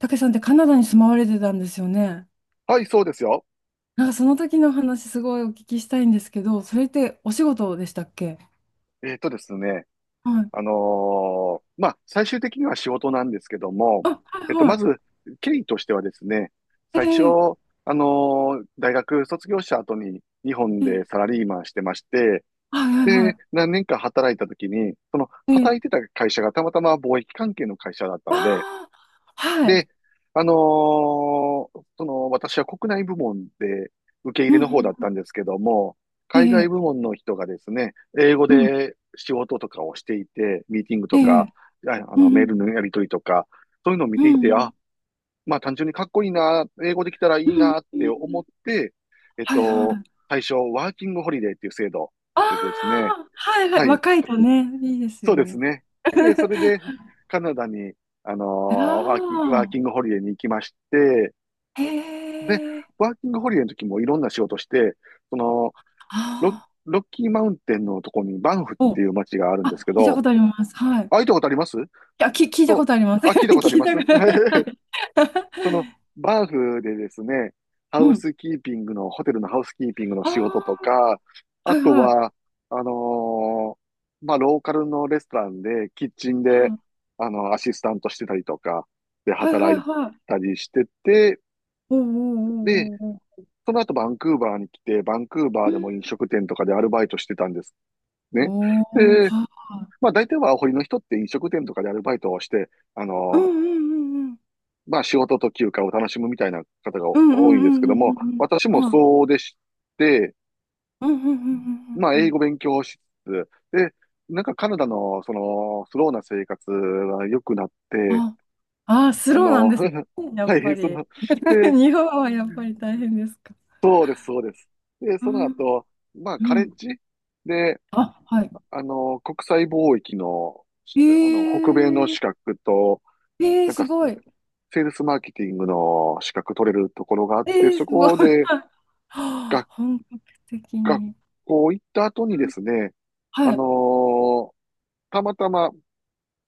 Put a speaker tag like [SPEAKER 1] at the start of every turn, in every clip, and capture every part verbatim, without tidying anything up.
[SPEAKER 1] たけさんってカナダに住まわれてたんですよね。
[SPEAKER 2] はい、そうですよ。
[SPEAKER 1] なんかその時の話すごいお聞きしたいんですけど、それってお仕事でしたっけ？
[SPEAKER 2] えっとですね、
[SPEAKER 1] はい。
[SPEAKER 2] あのーまあ、最終的には仕事なんですけども、
[SPEAKER 1] あ、はい
[SPEAKER 2] えっと、ま
[SPEAKER 1] は
[SPEAKER 2] ず、経緯としてはですね、
[SPEAKER 1] い。
[SPEAKER 2] 最初、
[SPEAKER 1] ええ
[SPEAKER 2] あのー大学卒業した後に日本
[SPEAKER 1] え
[SPEAKER 2] で
[SPEAKER 1] え
[SPEAKER 2] サラリーマンしてまして、
[SPEAKER 1] はいはい
[SPEAKER 2] で、
[SPEAKER 1] は
[SPEAKER 2] 何年か働いた時に、その
[SPEAKER 1] い。
[SPEAKER 2] 働
[SPEAKER 1] ええ
[SPEAKER 2] いてた会社がたまたま貿易関係の会社だった
[SPEAKER 1] あ
[SPEAKER 2] ので、
[SPEAKER 1] あ、はい。
[SPEAKER 2] で、あのーその、私は国内部門で受け入
[SPEAKER 1] う
[SPEAKER 2] れ
[SPEAKER 1] ん
[SPEAKER 2] の方だっ
[SPEAKER 1] うん。
[SPEAKER 2] たんですけども、海外
[SPEAKER 1] え
[SPEAKER 2] 部
[SPEAKER 1] え
[SPEAKER 2] 門の人がですね、英語
[SPEAKER 1] うん。
[SPEAKER 2] で仕事とかをしていて、ミーティング
[SPEAKER 1] え
[SPEAKER 2] とか、
[SPEAKER 1] え
[SPEAKER 2] ああ
[SPEAKER 1] う
[SPEAKER 2] の、メー
[SPEAKER 1] ん
[SPEAKER 2] ルのやり取りとか、そういうのを見
[SPEAKER 1] うん
[SPEAKER 2] てい
[SPEAKER 1] う
[SPEAKER 2] て、
[SPEAKER 1] ん
[SPEAKER 2] あ、まあ単純にかっこいいな、英語できたらい
[SPEAKER 1] う
[SPEAKER 2] い
[SPEAKER 1] ん
[SPEAKER 2] なっ
[SPEAKER 1] う
[SPEAKER 2] て
[SPEAKER 1] んう
[SPEAKER 2] 思っ
[SPEAKER 1] ん
[SPEAKER 2] て、えっ
[SPEAKER 1] はいは
[SPEAKER 2] と、
[SPEAKER 1] い。
[SPEAKER 2] 最初、ワーキングホリデーっていう制度
[SPEAKER 1] あ
[SPEAKER 2] でですね、
[SPEAKER 1] あ、はいはい。
[SPEAKER 2] はい、
[SPEAKER 1] 若いとね、いいです
[SPEAKER 2] そ
[SPEAKER 1] よ
[SPEAKER 2] うです
[SPEAKER 1] ね。
[SPEAKER 2] ね。で、それ で、カナダに、あのー
[SPEAKER 1] あ
[SPEAKER 2] ワーキ、ワーキングホリデーに行きまして、
[SPEAKER 1] あ、
[SPEAKER 2] で、
[SPEAKER 1] へえ、
[SPEAKER 2] ワーキングホリデーの時もいろんな仕事して、その、ロ、
[SPEAKER 1] あ
[SPEAKER 2] ロッキーマウンテンのとこにバンフっ
[SPEAKER 1] あ、
[SPEAKER 2] て
[SPEAKER 1] お、
[SPEAKER 2] いう街があるん
[SPEAKER 1] あ、
[SPEAKER 2] ですけ
[SPEAKER 1] 聞いた
[SPEAKER 2] ど、
[SPEAKER 1] ことあります。はい。
[SPEAKER 2] あ、行ったことあります
[SPEAKER 1] いや、き、聞いたこ
[SPEAKER 2] と、
[SPEAKER 1] とあります。
[SPEAKER 2] あ、聞いたことあり
[SPEAKER 1] 聞い
[SPEAKER 2] ま
[SPEAKER 1] た
[SPEAKER 2] す
[SPEAKER 1] こと、は い。
[SPEAKER 2] その、バーフでですね、ハ
[SPEAKER 1] う
[SPEAKER 2] ウ
[SPEAKER 1] ん。
[SPEAKER 2] スキーピングの、ホテルのハウスキーピングの仕事と
[SPEAKER 1] あ
[SPEAKER 2] か、
[SPEAKER 1] あ、
[SPEAKER 2] あ
[SPEAKER 1] はい
[SPEAKER 2] と
[SPEAKER 1] はい。
[SPEAKER 2] は、あのーまあ、ローカルのレストランで、キッチンで、
[SPEAKER 1] は
[SPEAKER 2] あの、アシスタントしてたりとか、で、
[SPEAKER 1] はいは
[SPEAKER 2] 働
[SPEAKER 1] い
[SPEAKER 2] い
[SPEAKER 1] はい。
[SPEAKER 2] たりしてて、
[SPEAKER 1] おーおー
[SPEAKER 2] で、
[SPEAKER 1] おーおーおー。
[SPEAKER 2] その後バンクーバーに来て、バンクーバー
[SPEAKER 1] う
[SPEAKER 2] で
[SPEAKER 1] ん
[SPEAKER 2] も飲食店とかでアルバイトしてたんですね。
[SPEAKER 1] おー
[SPEAKER 2] で、
[SPEAKER 1] は、
[SPEAKER 2] まあ、大体はアホリの人って飲食店とかでアルバイトをして、あ
[SPEAKER 1] うんう
[SPEAKER 2] の
[SPEAKER 1] んうんうん。
[SPEAKER 2] まあ仕事と休暇を楽しむみたいな方が
[SPEAKER 1] うんうん
[SPEAKER 2] 多いん
[SPEAKER 1] う
[SPEAKER 2] ですけど
[SPEAKER 1] んう
[SPEAKER 2] も、
[SPEAKER 1] ん
[SPEAKER 2] 私
[SPEAKER 1] う
[SPEAKER 2] も
[SPEAKER 1] んうん
[SPEAKER 2] そうでして、
[SPEAKER 1] うんうんうんうんはいうんうんうんうん
[SPEAKER 2] まあ
[SPEAKER 1] うんう
[SPEAKER 2] 英
[SPEAKER 1] ん。
[SPEAKER 2] 語勉強しつつ、で、なんかカナダのそのスローな生活が良くなって、
[SPEAKER 1] あ、あー、ス
[SPEAKER 2] あ
[SPEAKER 1] ローなん
[SPEAKER 2] の、
[SPEAKER 1] です。や
[SPEAKER 2] は
[SPEAKER 1] っぱ
[SPEAKER 2] い、そ
[SPEAKER 1] り。
[SPEAKER 2] の、で、
[SPEAKER 1] 日本はやっぱり大変ですか？
[SPEAKER 2] そうです、そうです。で、
[SPEAKER 1] う
[SPEAKER 2] その
[SPEAKER 1] ん。
[SPEAKER 2] 後、まあ
[SPEAKER 1] う
[SPEAKER 2] カレッ
[SPEAKER 1] ん。
[SPEAKER 2] ジで、
[SPEAKER 1] あ、はい。
[SPEAKER 2] あの、国際貿易の、
[SPEAKER 1] え
[SPEAKER 2] あの、北米の
[SPEAKER 1] ー、
[SPEAKER 2] 資格と、
[SPEAKER 1] え
[SPEAKER 2] な
[SPEAKER 1] ー、
[SPEAKER 2] ん
[SPEAKER 1] す
[SPEAKER 2] か
[SPEAKER 1] ごい。
[SPEAKER 2] セールスマーケティングの資格取れるところがあっ
[SPEAKER 1] え
[SPEAKER 2] て、
[SPEAKER 1] ー、
[SPEAKER 2] そ
[SPEAKER 1] すごい。
[SPEAKER 2] こ
[SPEAKER 1] はい
[SPEAKER 2] で、
[SPEAKER 1] はあ
[SPEAKER 2] が
[SPEAKER 1] 本格的
[SPEAKER 2] 学
[SPEAKER 1] に。
[SPEAKER 2] 校行った後にですね、あ
[SPEAKER 1] は
[SPEAKER 2] の
[SPEAKER 1] い。
[SPEAKER 2] ーたまたま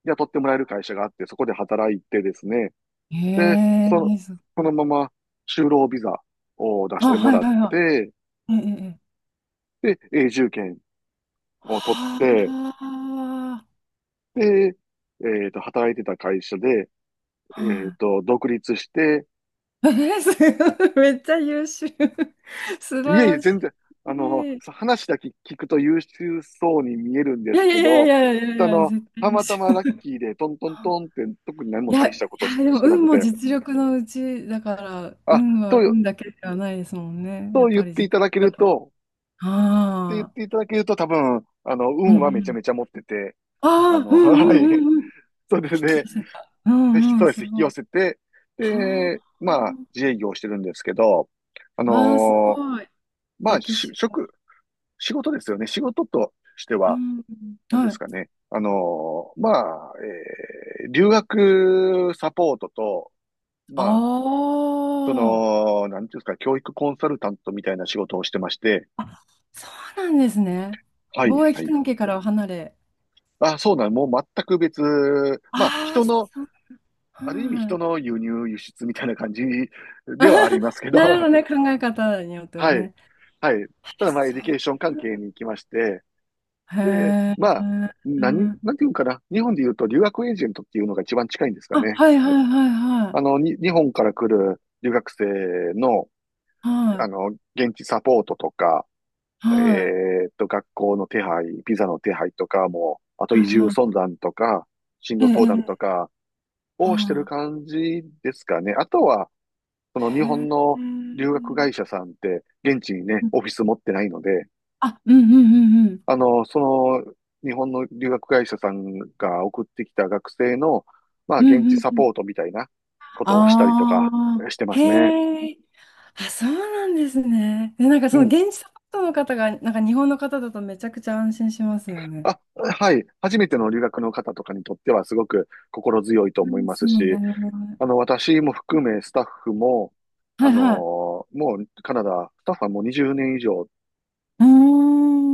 [SPEAKER 2] 雇ってもらえる会社があって、そこで働いてですね、で、
[SPEAKER 1] え
[SPEAKER 2] その、
[SPEAKER 1] えす
[SPEAKER 2] そ
[SPEAKER 1] ごい。
[SPEAKER 2] のまま就労ビザを出し
[SPEAKER 1] あ、
[SPEAKER 2] ても
[SPEAKER 1] はい
[SPEAKER 2] らっ
[SPEAKER 1] はいは
[SPEAKER 2] て、
[SPEAKER 1] い。ええええ
[SPEAKER 2] で、永住権を取って、
[SPEAKER 1] は
[SPEAKER 2] で、えっと、働いてた会社で、
[SPEAKER 1] あ、
[SPEAKER 2] えっ
[SPEAKER 1] は
[SPEAKER 2] と、独立して、
[SPEAKER 1] い。えー、すごい。めっちゃ優秀。素
[SPEAKER 2] い
[SPEAKER 1] 晴
[SPEAKER 2] えいえ、
[SPEAKER 1] らし
[SPEAKER 2] 全然、あの、
[SPEAKER 1] い。
[SPEAKER 2] 話だけ聞くと優秀そうに見えるんで
[SPEAKER 1] い
[SPEAKER 2] す
[SPEAKER 1] やい
[SPEAKER 2] け
[SPEAKER 1] やい
[SPEAKER 2] ど、
[SPEAKER 1] やいやいやい
[SPEAKER 2] あ
[SPEAKER 1] や、
[SPEAKER 2] の、
[SPEAKER 1] 絶対
[SPEAKER 2] た
[SPEAKER 1] 優
[SPEAKER 2] また
[SPEAKER 1] 秀。
[SPEAKER 2] まラッ キーでトントントンって特に何
[SPEAKER 1] い
[SPEAKER 2] も
[SPEAKER 1] や、
[SPEAKER 2] 大し
[SPEAKER 1] い
[SPEAKER 2] たこと
[SPEAKER 1] や、
[SPEAKER 2] し、
[SPEAKER 1] でも
[SPEAKER 2] してな
[SPEAKER 1] 運
[SPEAKER 2] く
[SPEAKER 1] も
[SPEAKER 2] て、
[SPEAKER 1] 実力のうちだから、
[SPEAKER 2] あ、
[SPEAKER 1] 運は
[SPEAKER 2] と、
[SPEAKER 1] 運だけではないですもんね。
[SPEAKER 2] と
[SPEAKER 1] やっ
[SPEAKER 2] 言っ
[SPEAKER 1] ぱり
[SPEAKER 2] て
[SPEAKER 1] 実
[SPEAKER 2] いただけ
[SPEAKER 1] 力
[SPEAKER 2] る
[SPEAKER 1] だ
[SPEAKER 2] と、って言っ
[SPEAKER 1] ああ、
[SPEAKER 2] ていただけると多分、あの、
[SPEAKER 1] うん
[SPEAKER 2] 運
[SPEAKER 1] う
[SPEAKER 2] はめちゃ
[SPEAKER 1] ん。
[SPEAKER 2] めちゃ持ってて、あ
[SPEAKER 1] ああ、
[SPEAKER 2] の、
[SPEAKER 1] う んう
[SPEAKER 2] は
[SPEAKER 1] ん
[SPEAKER 2] い。
[SPEAKER 1] うんうん。引
[SPEAKER 2] それ
[SPEAKER 1] き寄
[SPEAKER 2] で、
[SPEAKER 1] せた。う
[SPEAKER 2] そう
[SPEAKER 1] んうん、
[SPEAKER 2] で
[SPEAKER 1] す
[SPEAKER 2] す、引き
[SPEAKER 1] ご
[SPEAKER 2] 寄
[SPEAKER 1] い。
[SPEAKER 2] せて、
[SPEAKER 1] はあ、
[SPEAKER 2] で、まあ、自営業をしてるんですけど、あ
[SPEAKER 1] わあ、す
[SPEAKER 2] のー
[SPEAKER 1] ごい。
[SPEAKER 2] まあ、
[SPEAKER 1] 歴
[SPEAKER 2] し
[SPEAKER 1] 史が。
[SPEAKER 2] 職、仕事ですよね。仕事として
[SPEAKER 1] う
[SPEAKER 2] は、
[SPEAKER 1] ん。
[SPEAKER 2] なんで
[SPEAKER 1] は
[SPEAKER 2] す
[SPEAKER 1] い。
[SPEAKER 2] かね。あの、まあ、えー留学サポートと、
[SPEAKER 1] あ
[SPEAKER 2] まあ、そ
[SPEAKER 1] あ。
[SPEAKER 2] の、なんていうんですか、教育コンサルタントみたいな仕事をしてまして、
[SPEAKER 1] あ、そうなんですね。
[SPEAKER 2] はい、
[SPEAKER 1] 貿
[SPEAKER 2] は
[SPEAKER 1] 易
[SPEAKER 2] い。
[SPEAKER 1] 関係からは離れ。
[SPEAKER 2] あ、そうなん、もう全く別、まあ、
[SPEAKER 1] ああ、
[SPEAKER 2] 人の、
[SPEAKER 1] そう。
[SPEAKER 2] ある意味人
[SPEAKER 1] は
[SPEAKER 2] の輸入、輸出みたいな感じではありますけ
[SPEAKER 1] い。
[SPEAKER 2] ど、
[SPEAKER 1] なるほ
[SPEAKER 2] は
[SPEAKER 1] どね、考え方によっては
[SPEAKER 2] い、
[SPEAKER 1] ね。
[SPEAKER 2] はい。
[SPEAKER 1] あ
[SPEAKER 2] ただ、まあ、エ
[SPEAKER 1] そ
[SPEAKER 2] デ
[SPEAKER 1] う。
[SPEAKER 2] ュケーション関係に行きまして、
[SPEAKER 1] へ
[SPEAKER 2] で、
[SPEAKER 1] え。
[SPEAKER 2] まあ、何、なんていうんかな。日本で言うと留学エージェントっていうのが一番近いんですか
[SPEAKER 1] あ、
[SPEAKER 2] ね。
[SPEAKER 1] はいはいはいは
[SPEAKER 2] あ
[SPEAKER 1] い。
[SPEAKER 2] の、に、日本から来る留学生の、
[SPEAKER 1] は
[SPEAKER 2] あ
[SPEAKER 1] い。
[SPEAKER 2] の、現地サポートとか、え
[SPEAKER 1] はい。
[SPEAKER 2] ーっと、学校の手配、ビザの手配とかも、あと
[SPEAKER 1] はい
[SPEAKER 2] 移住相
[SPEAKER 1] は
[SPEAKER 2] 談とか、進
[SPEAKER 1] い。え
[SPEAKER 2] 路
[SPEAKER 1] え、
[SPEAKER 2] 相談
[SPEAKER 1] え
[SPEAKER 2] と
[SPEAKER 1] え
[SPEAKER 2] かをしてる
[SPEAKER 1] は
[SPEAKER 2] 感じですかね。あとは、そ
[SPEAKER 1] い。
[SPEAKER 2] の日本
[SPEAKER 1] へ
[SPEAKER 2] の留学会社さんって、現地に
[SPEAKER 1] え。
[SPEAKER 2] ね、オフィス持ってないので、
[SPEAKER 1] あ、うんうんうんうん。
[SPEAKER 2] あの、その、日本の留学会社さんが送ってきた学生の、まあ、
[SPEAKER 1] うん
[SPEAKER 2] 現地
[SPEAKER 1] うん
[SPEAKER 2] サ
[SPEAKER 1] う
[SPEAKER 2] ポ
[SPEAKER 1] ん
[SPEAKER 2] ートみたいなことをしたりとか
[SPEAKER 1] ああ、
[SPEAKER 2] してますね。
[SPEAKER 1] へえ。あ、そうなんですね。で、なんかそ
[SPEAKER 2] う
[SPEAKER 1] の
[SPEAKER 2] ん。
[SPEAKER 1] 現地サポートの方が、なんか日本の方だとめちゃくちゃ安心しますよね。
[SPEAKER 2] あ、はい。初めての留学の方とかにとってはすごく心強いと思い
[SPEAKER 1] 安
[SPEAKER 2] ます
[SPEAKER 1] 心そう
[SPEAKER 2] し、
[SPEAKER 1] なるほど。
[SPEAKER 2] あの、私も含めスタッフも、
[SPEAKER 1] は
[SPEAKER 2] あ
[SPEAKER 1] い
[SPEAKER 2] の
[SPEAKER 1] はい。
[SPEAKER 2] もうカナダ、スタッフはもうにじゅうねん以上
[SPEAKER 1] うー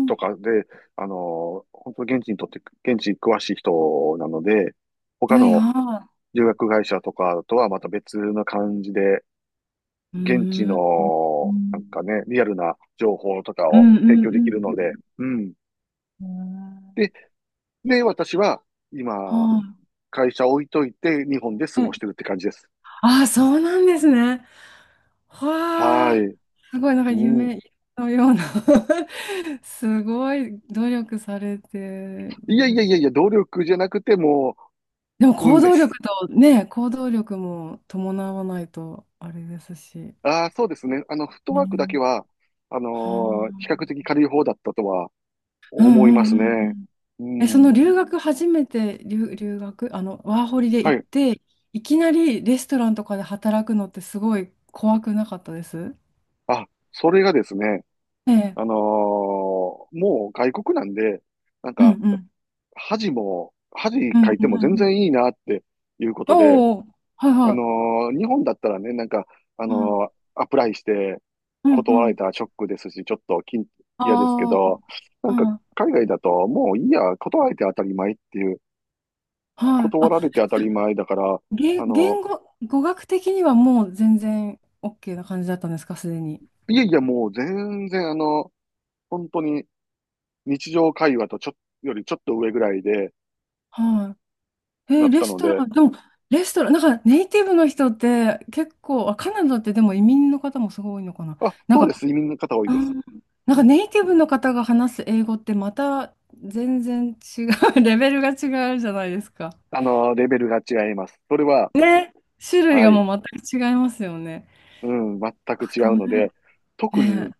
[SPEAKER 2] と
[SPEAKER 1] ん。
[SPEAKER 2] かで、あの本当現地にとって、現地に詳しい人なので、他
[SPEAKER 1] はい
[SPEAKER 2] の
[SPEAKER 1] は
[SPEAKER 2] 留学会社とかとはまた別な感じで、
[SPEAKER 1] い。う
[SPEAKER 2] 現地
[SPEAKER 1] ーん。う
[SPEAKER 2] の、なんかね、
[SPEAKER 1] ん
[SPEAKER 2] リアルな情報とか
[SPEAKER 1] う
[SPEAKER 2] を
[SPEAKER 1] ん
[SPEAKER 2] 提供できるの
[SPEAKER 1] う
[SPEAKER 2] で、
[SPEAKER 1] ん
[SPEAKER 2] うん。
[SPEAKER 1] うん。
[SPEAKER 2] で、で、私は
[SPEAKER 1] は
[SPEAKER 2] 今、会社置いといて、日本で過
[SPEAKER 1] い。
[SPEAKER 2] ご
[SPEAKER 1] え
[SPEAKER 2] してるって感じです。
[SPEAKER 1] ああ、そうなんですね。わ
[SPEAKER 2] は
[SPEAKER 1] あ、
[SPEAKER 2] い。
[SPEAKER 1] すごい、なんか
[SPEAKER 2] うん。
[SPEAKER 1] 夢のような すごい努力されて
[SPEAKER 2] いやい
[SPEAKER 1] る
[SPEAKER 2] やいや
[SPEAKER 1] し。
[SPEAKER 2] いや、努力じゃなくても
[SPEAKER 1] でも
[SPEAKER 2] う、運
[SPEAKER 1] 行
[SPEAKER 2] で
[SPEAKER 1] 動
[SPEAKER 2] す。
[SPEAKER 1] 力とね、行動力も伴わないとあれですし。
[SPEAKER 2] ああ、そうですね。あの、フットワークだけ
[SPEAKER 1] ね。
[SPEAKER 2] は、あの
[SPEAKER 1] は
[SPEAKER 2] ー比較
[SPEAKER 1] あ。
[SPEAKER 2] 的軽い方だったとは
[SPEAKER 1] うん
[SPEAKER 2] 思いま
[SPEAKER 1] うん
[SPEAKER 2] す
[SPEAKER 1] うんう
[SPEAKER 2] ね。
[SPEAKER 1] ん。
[SPEAKER 2] う
[SPEAKER 1] え、そ
[SPEAKER 2] ん。
[SPEAKER 1] の留学初めて留、留学、あの、ワーホリで
[SPEAKER 2] は
[SPEAKER 1] 行っ
[SPEAKER 2] い。
[SPEAKER 1] て、いきなりレストランとかで働くのってすごい怖くなかったです
[SPEAKER 2] あ、それがですね、
[SPEAKER 1] え
[SPEAKER 2] あの
[SPEAKER 1] え。
[SPEAKER 2] ーもう外国なんで、なん
[SPEAKER 1] うん
[SPEAKER 2] か、
[SPEAKER 1] うん。
[SPEAKER 2] 恥も、恥
[SPEAKER 1] うんう
[SPEAKER 2] か
[SPEAKER 1] ん
[SPEAKER 2] い
[SPEAKER 1] う
[SPEAKER 2] ても
[SPEAKER 1] ん
[SPEAKER 2] 全
[SPEAKER 1] うん。
[SPEAKER 2] 然いいなっていうことで、
[SPEAKER 1] おお、はい
[SPEAKER 2] あ
[SPEAKER 1] は
[SPEAKER 2] の
[SPEAKER 1] い。
[SPEAKER 2] ー日本だったらね、なんか、あ
[SPEAKER 1] うん
[SPEAKER 2] のーアプライして
[SPEAKER 1] うんう
[SPEAKER 2] 断られ
[SPEAKER 1] ん。
[SPEAKER 2] たらショックですし、ちょっときん嫌ですけ
[SPEAKER 1] ああ。
[SPEAKER 2] ど、な
[SPEAKER 1] う
[SPEAKER 2] んか、
[SPEAKER 1] ん。
[SPEAKER 2] 海外だと、もういいや、断られて当たり前っていう、
[SPEAKER 1] はい。
[SPEAKER 2] 断ら
[SPEAKER 1] あ、
[SPEAKER 2] れて当た
[SPEAKER 1] じゃ
[SPEAKER 2] り
[SPEAKER 1] あ
[SPEAKER 2] 前だから、
[SPEAKER 1] 言、
[SPEAKER 2] あの
[SPEAKER 1] 言語、語学的にはもう全然 OK な感じだったんですか、すでに？
[SPEAKER 2] ーいやいや、もう全然、あの、本当に日常会話とちょ、よりちょっと上ぐらいで
[SPEAKER 1] はい。え
[SPEAKER 2] な
[SPEAKER 1] ー
[SPEAKER 2] っ
[SPEAKER 1] レ
[SPEAKER 2] た
[SPEAKER 1] ス
[SPEAKER 2] の
[SPEAKER 1] ト
[SPEAKER 2] で、
[SPEAKER 1] ラン、でも、レストラン、なんかネイティブの人って結構、あ、カナダってでも移民の方もすごい多いのかな？
[SPEAKER 2] あ、
[SPEAKER 1] なん
[SPEAKER 2] そうで
[SPEAKER 1] か、
[SPEAKER 2] す、移民の方多い
[SPEAKER 1] あ
[SPEAKER 2] です。
[SPEAKER 1] ー、なん
[SPEAKER 2] う
[SPEAKER 1] か
[SPEAKER 2] ん。
[SPEAKER 1] ネイティブの方が話す英語ってまた全然違う、レベルが違うじゃないですか？
[SPEAKER 2] あのーレベルが違います。それは、
[SPEAKER 1] ね。種類
[SPEAKER 2] は
[SPEAKER 1] が
[SPEAKER 2] い、
[SPEAKER 1] もう全く違いますよね。
[SPEAKER 2] うん、全く違
[SPEAKER 1] そ
[SPEAKER 2] うの
[SPEAKER 1] れ、
[SPEAKER 2] で、特
[SPEAKER 1] ね、
[SPEAKER 2] に、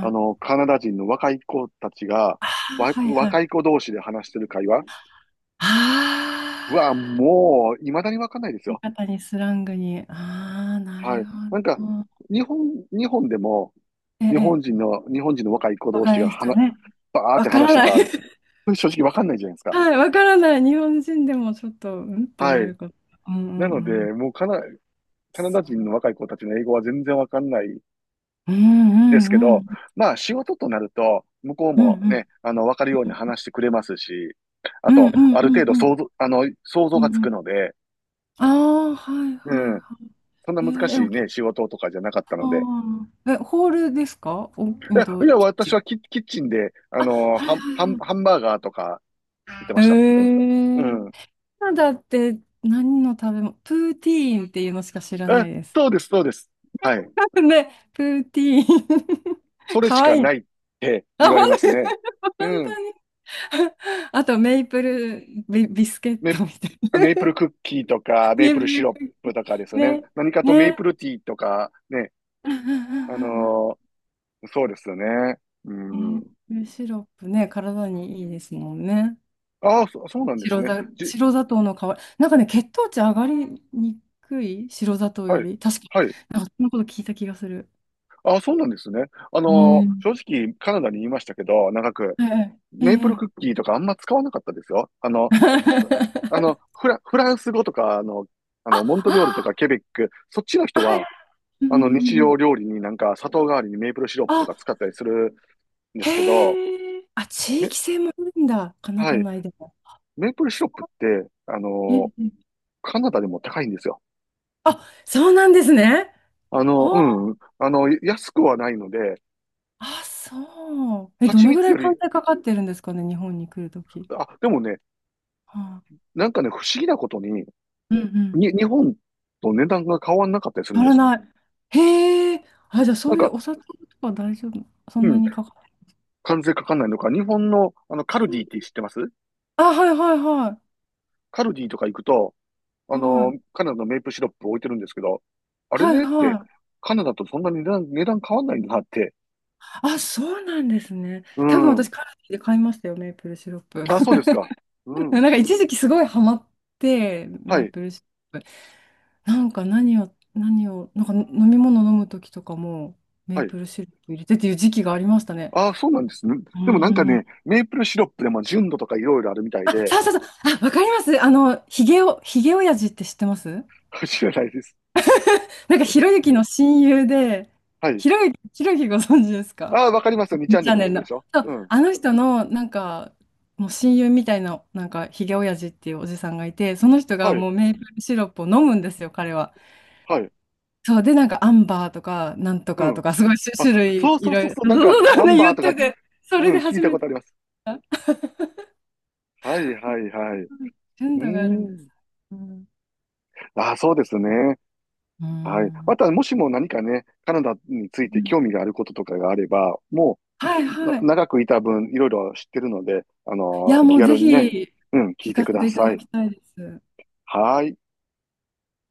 [SPEAKER 2] あの、
[SPEAKER 1] い。
[SPEAKER 2] カナダ人の若い子たちが、
[SPEAKER 1] ああ
[SPEAKER 2] わ、
[SPEAKER 1] はいは
[SPEAKER 2] 若
[SPEAKER 1] い。
[SPEAKER 2] い子同士で話してる会話。うわ、
[SPEAKER 1] ああ。
[SPEAKER 2] もう、未だにわかんないです
[SPEAKER 1] 言い
[SPEAKER 2] よ。
[SPEAKER 1] 方にスラングに。ああ、な
[SPEAKER 2] は
[SPEAKER 1] る
[SPEAKER 2] い。なんか、
[SPEAKER 1] ほど。
[SPEAKER 2] 日本、日本でも、
[SPEAKER 1] え
[SPEAKER 2] 日
[SPEAKER 1] え、
[SPEAKER 2] 本人の、日本人の若い子同
[SPEAKER 1] 若
[SPEAKER 2] 士が、
[SPEAKER 1] い
[SPEAKER 2] は
[SPEAKER 1] 人
[SPEAKER 2] な、
[SPEAKER 1] ね。
[SPEAKER 2] バーっ
[SPEAKER 1] わ
[SPEAKER 2] て
[SPEAKER 1] か
[SPEAKER 2] 話し
[SPEAKER 1] ら
[SPEAKER 2] て
[SPEAKER 1] な
[SPEAKER 2] た、
[SPEAKER 1] い。
[SPEAKER 2] こ れ正直わかんないじゃないですか。
[SPEAKER 1] はい、わからない。日本人でもちょっと、うんって
[SPEAKER 2] は
[SPEAKER 1] な
[SPEAKER 2] い。
[SPEAKER 1] ること。うんう
[SPEAKER 2] な
[SPEAKER 1] ん
[SPEAKER 2] ので、
[SPEAKER 1] うん。
[SPEAKER 2] もうカナ、カナダ
[SPEAKER 1] そ
[SPEAKER 2] 人の若い子たちの英語は全然わかんない
[SPEAKER 1] う。うん
[SPEAKER 2] で
[SPEAKER 1] う
[SPEAKER 2] す
[SPEAKER 1] ん
[SPEAKER 2] け
[SPEAKER 1] う
[SPEAKER 2] ど、
[SPEAKER 1] ん。
[SPEAKER 2] まあ、仕事となると、向こう
[SPEAKER 1] うんう
[SPEAKER 2] も
[SPEAKER 1] ん。
[SPEAKER 2] ね、あの、わかるように話してくれますし、あ
[SPEAKER 1] うんう
[SPEAKER 2] と、
[SPEAKER 1] んう
[SPEAKER 2] ある程
[SPEAKER 1] ん
[SPEAKER 2] 度
[SPEAKER 1] うん。
[SPEAKER 2] 想像、あの、想像
[SPEAKER 1] う
[SPEAKER 2] がつ
[SPEAKER 1] んう
[SPEAKER 2] く
[SPEAKER 1] ん。
[SPEAKER 2] ので、
[SPEAKER 1] ああ、はいはい
[SPEAKER 2] うん。
[SPEAKER 1] はい。
[SPEAKER 2] そんな
[SPEAKER 1] え
[SPEAKER 2] 難
[SPEAKER 1] ー、え、
[SPEAKER 2] し
[SPEAKER 1] お
[SPEAKER 2] い
[SPEAKER 1] き、
[SPEAKER 2] ね、仕事とかじゃなかった
[SPEAKER 1] あ
[SPEAKER 2] ので。
[SPEAKER 1] ーえ、ホールですかお、うん
[SPEAKER 2] い
[SPEAKER 1] と、
[SPEAKER 2] や、
[SPEAKER 1] キッチ
[SPEAKER 2] 私
[SPEAKER 1] ン。
[SPEAKER 2] はキ、キッチンで、あ
[SPEAKER 1] あ、
[SPEAKER 2] のー
[SPEAKER 1] は
[SPEAKER 2] ハ
[SPEAKER 1] い
[SPEAKER 2] ン、
[SPEAKER 1] はい
[SPEAKER 2] ハン、ハ
[SPEAKER 1] は
[SPEAKER 2] ンバーガーとか作ってました。
[SPEAKER 1] い。
[SPEAKER 2] う
[SPEAKER 1] え
[SPEAKER 2] ん。
[SPEAKER 1] カナダって何の食べ物プーティーンっていうのしか知らな
[SPEAKER 2] え、
[SPEAKER 1] いです。
[SPEAKER 2] そうです、そうです。はい。
[SPEAKER 1] ねプーティーン。
[SPEAKER 2] そ れ
[SPEAKER 1] か
[SPEAKER 2] し
[SPEAKER 1] わ
[SPEAKER 2] か
[SPEAKER 1] いいな。
[SPEAKER 2] ないって
[SPEAKER 1] あ、
[SPEAKER 2] 言わ
[SPEAKER 1] 本
[SPEAKER 2] れます
[SPEAKER 1] 当に、
[SPEAKER 2] ね。うん。
[SPEAKER 1] 本当に。あと、メイプルビ、ビスケッ
[SPEAKER 2] メ、
[SPEAKER 1] トみたい
[SPEAKER 2] メープ
[SPEAKER 1] な。
[SPEAKER 2] ルクッキーとか、メ
[SPEAKER 1] メ
[SPEAKER 2] ー
[SPEAKER 1] イ
[SPEAKER 2] プ
[SPEAKER 1] プ
[SPEAKER 2] ルシ
[SPEAKER 1] ル
[SPEAKER 2] ロッ
[SPEAKER 1] クッキ
[SPEAKER 2] プとかです
[SPEAKER 1] ー。
[SPEAKER 2] よね。
[SPEAKER 1] ね、
[SPEAKER 2] 何かとメー
[SPEAKER 1] ね。
[SPEAKER 2] プルティーとか、ね。
[SPEAKER 1] うんうんう
[SPEAKER 2] あ
[SPEAKER 1] ん
[SPEAKER 2] のーそうですよね。う
[SPEAKER 1] うんねメ
[SPEAKER 2] ん。
[SPEAKER 1] イプルシロップね、体にいいですもんね。
[SPEAKER 2] ああ、そ、そうなんです
[SPEAKER 1] 白
[SPEAKER 2] ね。
[SPEAKER 1] 砂
[SPEAKER 2] じ、
[SPEAKER 1] 白砂糖の代わり。なんかね、血糖値上がりにくい白砂糖
[SPEAKER 2] は
[SPEAKER 1] よ
[SPEAKER 2] い。
[SPEAKER 1] り。確かに。
[SPEAKER 2] はい。
[SPEAKER 1] なんか、そんなこと聞いた気がする。
[SPEAKER 2] ああ、そうなんですね。あ
[SPEAKER 1] う
[SPEAKER 2] のー
[SPEAKER 1] ん。
[SPEAKER 2] 正直、カナダにいましたけど、長く。
[SPEAKER 1] ええ、え
[SPEAKER 2] メープルクッ
[SPEAKER 1] え。
[SPEAKER 2] キーとかあんま使わなかったですよ。あの、あの、フラ、フランス語とか、あの、あの、モントリオールとか
[SPEAKER 1] あ、
[SPEAKER 2] ケベック、そっちの
[SPEAKER 1] あ、
[SPEAKER 2] 人
[SPEAKER 1] はい。
[SPEAKER 2] は、
[SPEAKER 1] うん
[SPEAKER 2] あ
[SPEAKER 1] う
[SPEAKER 2] の、日
[SPEAKER 1] んうん。
[SPEAKER 2] 常料理になんか砂糖代わりにメープルシロップとか
[SPEAKER 1] あ、
[SPEAKER 2] 使ったりするんですけど、
[SPEAKER 1] へえ。あ、地
[SPEAKER 2] め、
[SPEAKER 1] 域性もあるんだ。カナ
[SPEAKER 2] は
[SPEAKER 1] ダ
[SPEAKER 2] い。
[SPEAKER 1] 内でも。
[SPEAKER 2] メープルシロップって、あ
[SPEAKER 1] ええ、
[SPEAKER 2] の、
[SPEAKER 1] ええ
[SPEAKER 2] カナダでも高いんですよ。
[SPEAKER 1] あ、そうなんですね。
[SPEAKER 2] あの、
[SPEAKER 1] ほう。
[SPEAKER 2] うん。あの、安くはないので、
[SPEAKER 1] あ、そう。え、ど
[SPEAKER 2] 蜂
[SPEAKER 1] の
[SPEAKER 2] 蜜
[SPEAKER 1] ぐら
[SPEAKER 2] よ
[SPEAKER 1] い
[SPEAKER 2] り、
[SPEAKER 1] 関税かかってるんですかね、日本に来るとき？
[SPEAKER 2] あ、でもね、
[SPEAKER 1] はあ、
[SPEAKER 2] なんかね、不思議なことに、
[SPEAKER 1] うんうん。
[SPEAKER 2] に、日本と値段が変わんなかったりする
[SPEAKER 1] 変
[SPEAKER 2] ん
[SPEAKER 1] わ
[SPEAKER 2] で
[SPEAKER 1] ら
[SPEAKER 2] す。
[SPEAKER 1] ない。へえ。あ、じゃあ
[SPEAKER 2] な
[SPEAKER 1] そ
[SPEAKER 2] ん
[SPEAKER 1] ういうお
[SPEAKER 2] か、
[SPEAKER 1] 札とか大丈夫。そ
[SPEAKER 2] う
[SPEAKER 1] んな
[SPEAKER 2] ん
[SPEAKER 1] にかかって
[SPEAKER 2] 関税かかんないのか、日本の、あの、カルディっ
[SPEAKER 1] る？
[SPEAKER 2] て知ってます？
[SPEAKER 1] あ、はいはいはい。
[SPEAKER 2] カルディとか行くと、あ
[SPEAKER 1] は
[SPEAKER 2] の、
[SPEAKER 1] い。
[SPEAKER 2] カナダのメープシロップ置いてるんですけど、あれ
[SPEAKER 1] はい
[SPEAKER 2] でって、
[SPEAKER 1] はい。
[SPEAKER 2] カナダとそんなに値段、値段変わんないんだなって。
[SPEAKER 1] あ、そうなんですね。
[SPEAKER 2] う
[SPEAKER 1] 多分私、
[SPEAKER 2] ん。
[SPEAKER 1] カルディで買いましたよ、メープルシロップ。
[SPEAKER 2] あ、そうですか。う
[SPEAKER 1] なん
[SPEAKER 2] ん。
[SPEAKER 1] か一時期すごいハマって、
[SPEAKER 2] は
[SPEAKER 1] メー
[SPEAKER 2] い。
[SPEAKER 1] プルシロップ。なんか何を、何を、なんか飲み物飲む時とかも、メ
[SPEAKER 2] は
[SPEAKER 1] ー
[SPEAKER 2] い。
[SPEAKER 1] プルシロップ入れてっていう時期がありましたね。
[SPEAKER 2] あ、そうなんですね。
[SPEAKER 1] う
[SPEAKER 2] でもなんか
[SPEAKER 1] ん。
[SPEAKER 2] ね、メープルシロップでも純度とかいろいろあるみたい
[SPEAKER 1] あ、
[SPEAKER 2] で、
[SPEAKER 1] そうそうそう。あ、わかります。あの、ヒゲを、ヒゲ親父って知ってます
[SPEAKER 2] 知らないです。
[SPEAKER 1] なんか、ひろゆきの親友で、
[SPEAKER 2] はい。
[SPEAKER 1] ひろゆき、ひろゆきご存知ですか？
[SPEAKER 2] あ、わかりますよ。にチャン
[SPEAKER 1] チ
[SPEAKER 2] ネ
[SPEAKER 1] ャ
[SPEAKER 2] ル
[SPEAKER 1] ンネ
[SPEAKER 2] の
[SPEAKER 1] ル
[SPEAKER 2] 人
[SPEAKER 1] の。
[SPEAKER 2] でしょ
[SPEAKER 1] そう、
[SPEAKER 2] うん。
[SPEAKER 1] あの人の、なんか、もう親友みたいな、なんか、ひげおやじっていうおじさんがいて、その人が
[SPEAKER 2] はい。
[SPEAKER 1] もうメープルシロップを飲むんですよ、彼は。
[SPEAKER 2] はい。
[SPEAKER 1] そう、で、なんか、アンバーとか、なんと
[SPEAKER 2] う
[SPEAKER 1] か
[SPEAKER 2] ん。
[SPEAKER 1] とか、すごい種
[SPEAKER 2] あ、
[SPEAKER 1] 種類、
[SPEAKER 2] そう
[SPEAKER 1] い
[SPEAKER 2] そう
[SPEAKER 1] ろ
[SPEAKER 2] そう
[SPEAKER 1] いろ
[SPEAKER 2] そう。なんか、アン
[SPEAKER 1] ね
[SPEAKER 2] バ
[SPEAKER 1] 言
[SPEAKER 2] ー
[SPEAKER 1] っ
[SPEAKER 2] と
[SPEAKER 1] て
[SPEAKER 2] か、
[SPEAKER 1] て、そ
[SPEAKER 2] う
[SPEAKER 1] れ
[SPEAKER 2] ん、
[SPEAKER 1] で
[SPEAKER 2] 聞い
[SPEAKER 1] 初
[SPEAKER 2] た
[SPEAKER 1] め
[SPEAKER 2] こ
[SPEAKER 1] て、
[SPEAKER 2] とあります。はい、はい、はい。う
[SPEAKER 1] 純
[SPEAKER 2] ー
[SPEAKER 1] 度があるんです。
[SPEAKER 2] ん。
[SPEAKER 1] う
[SPEAKER 2] ああ、そうですね。はい。
[SPEAKER 1] ん
[SPEAKER 2] また、もしも何かね、カナダについ
[SPEAKER 1] う
[SPEAKER 2] て
[SPEAKER 1] ん
[SPEAKER 2] 興味があることとかがあれば、も
[SPEAKER 1] はい
[SPEAKER 2] う、な
[SPEAKER 1] はい。
[SPEAKER 2] 長くいた分、いろいろ知ってるので、あ
[SPEAKER 1] い
[SPEAKER 2] の
[SPEAKER 1] や、
[SPEAKER 2] ー
[SPEAKER 1] も
[SPEAKER 2] 気
[SPEAKER 1] うぜ
[SPEAKER 2] 軽にね、
[SPEAKER 1] ひ、
[SPEAKER 2] うん、聞
[SPEAKER 1] 聞
[SPEAKER 2] いて
[SPEAKER 1] か
[SPEAKER 2] く
[SPEAKER 1] せ
[SPEAKER 2] だ
[SPEAKER 1] ていただ
[SPEAKER 2] さい。
[SPEAKER 1] きたいです。
[SPEAKER 2] はい。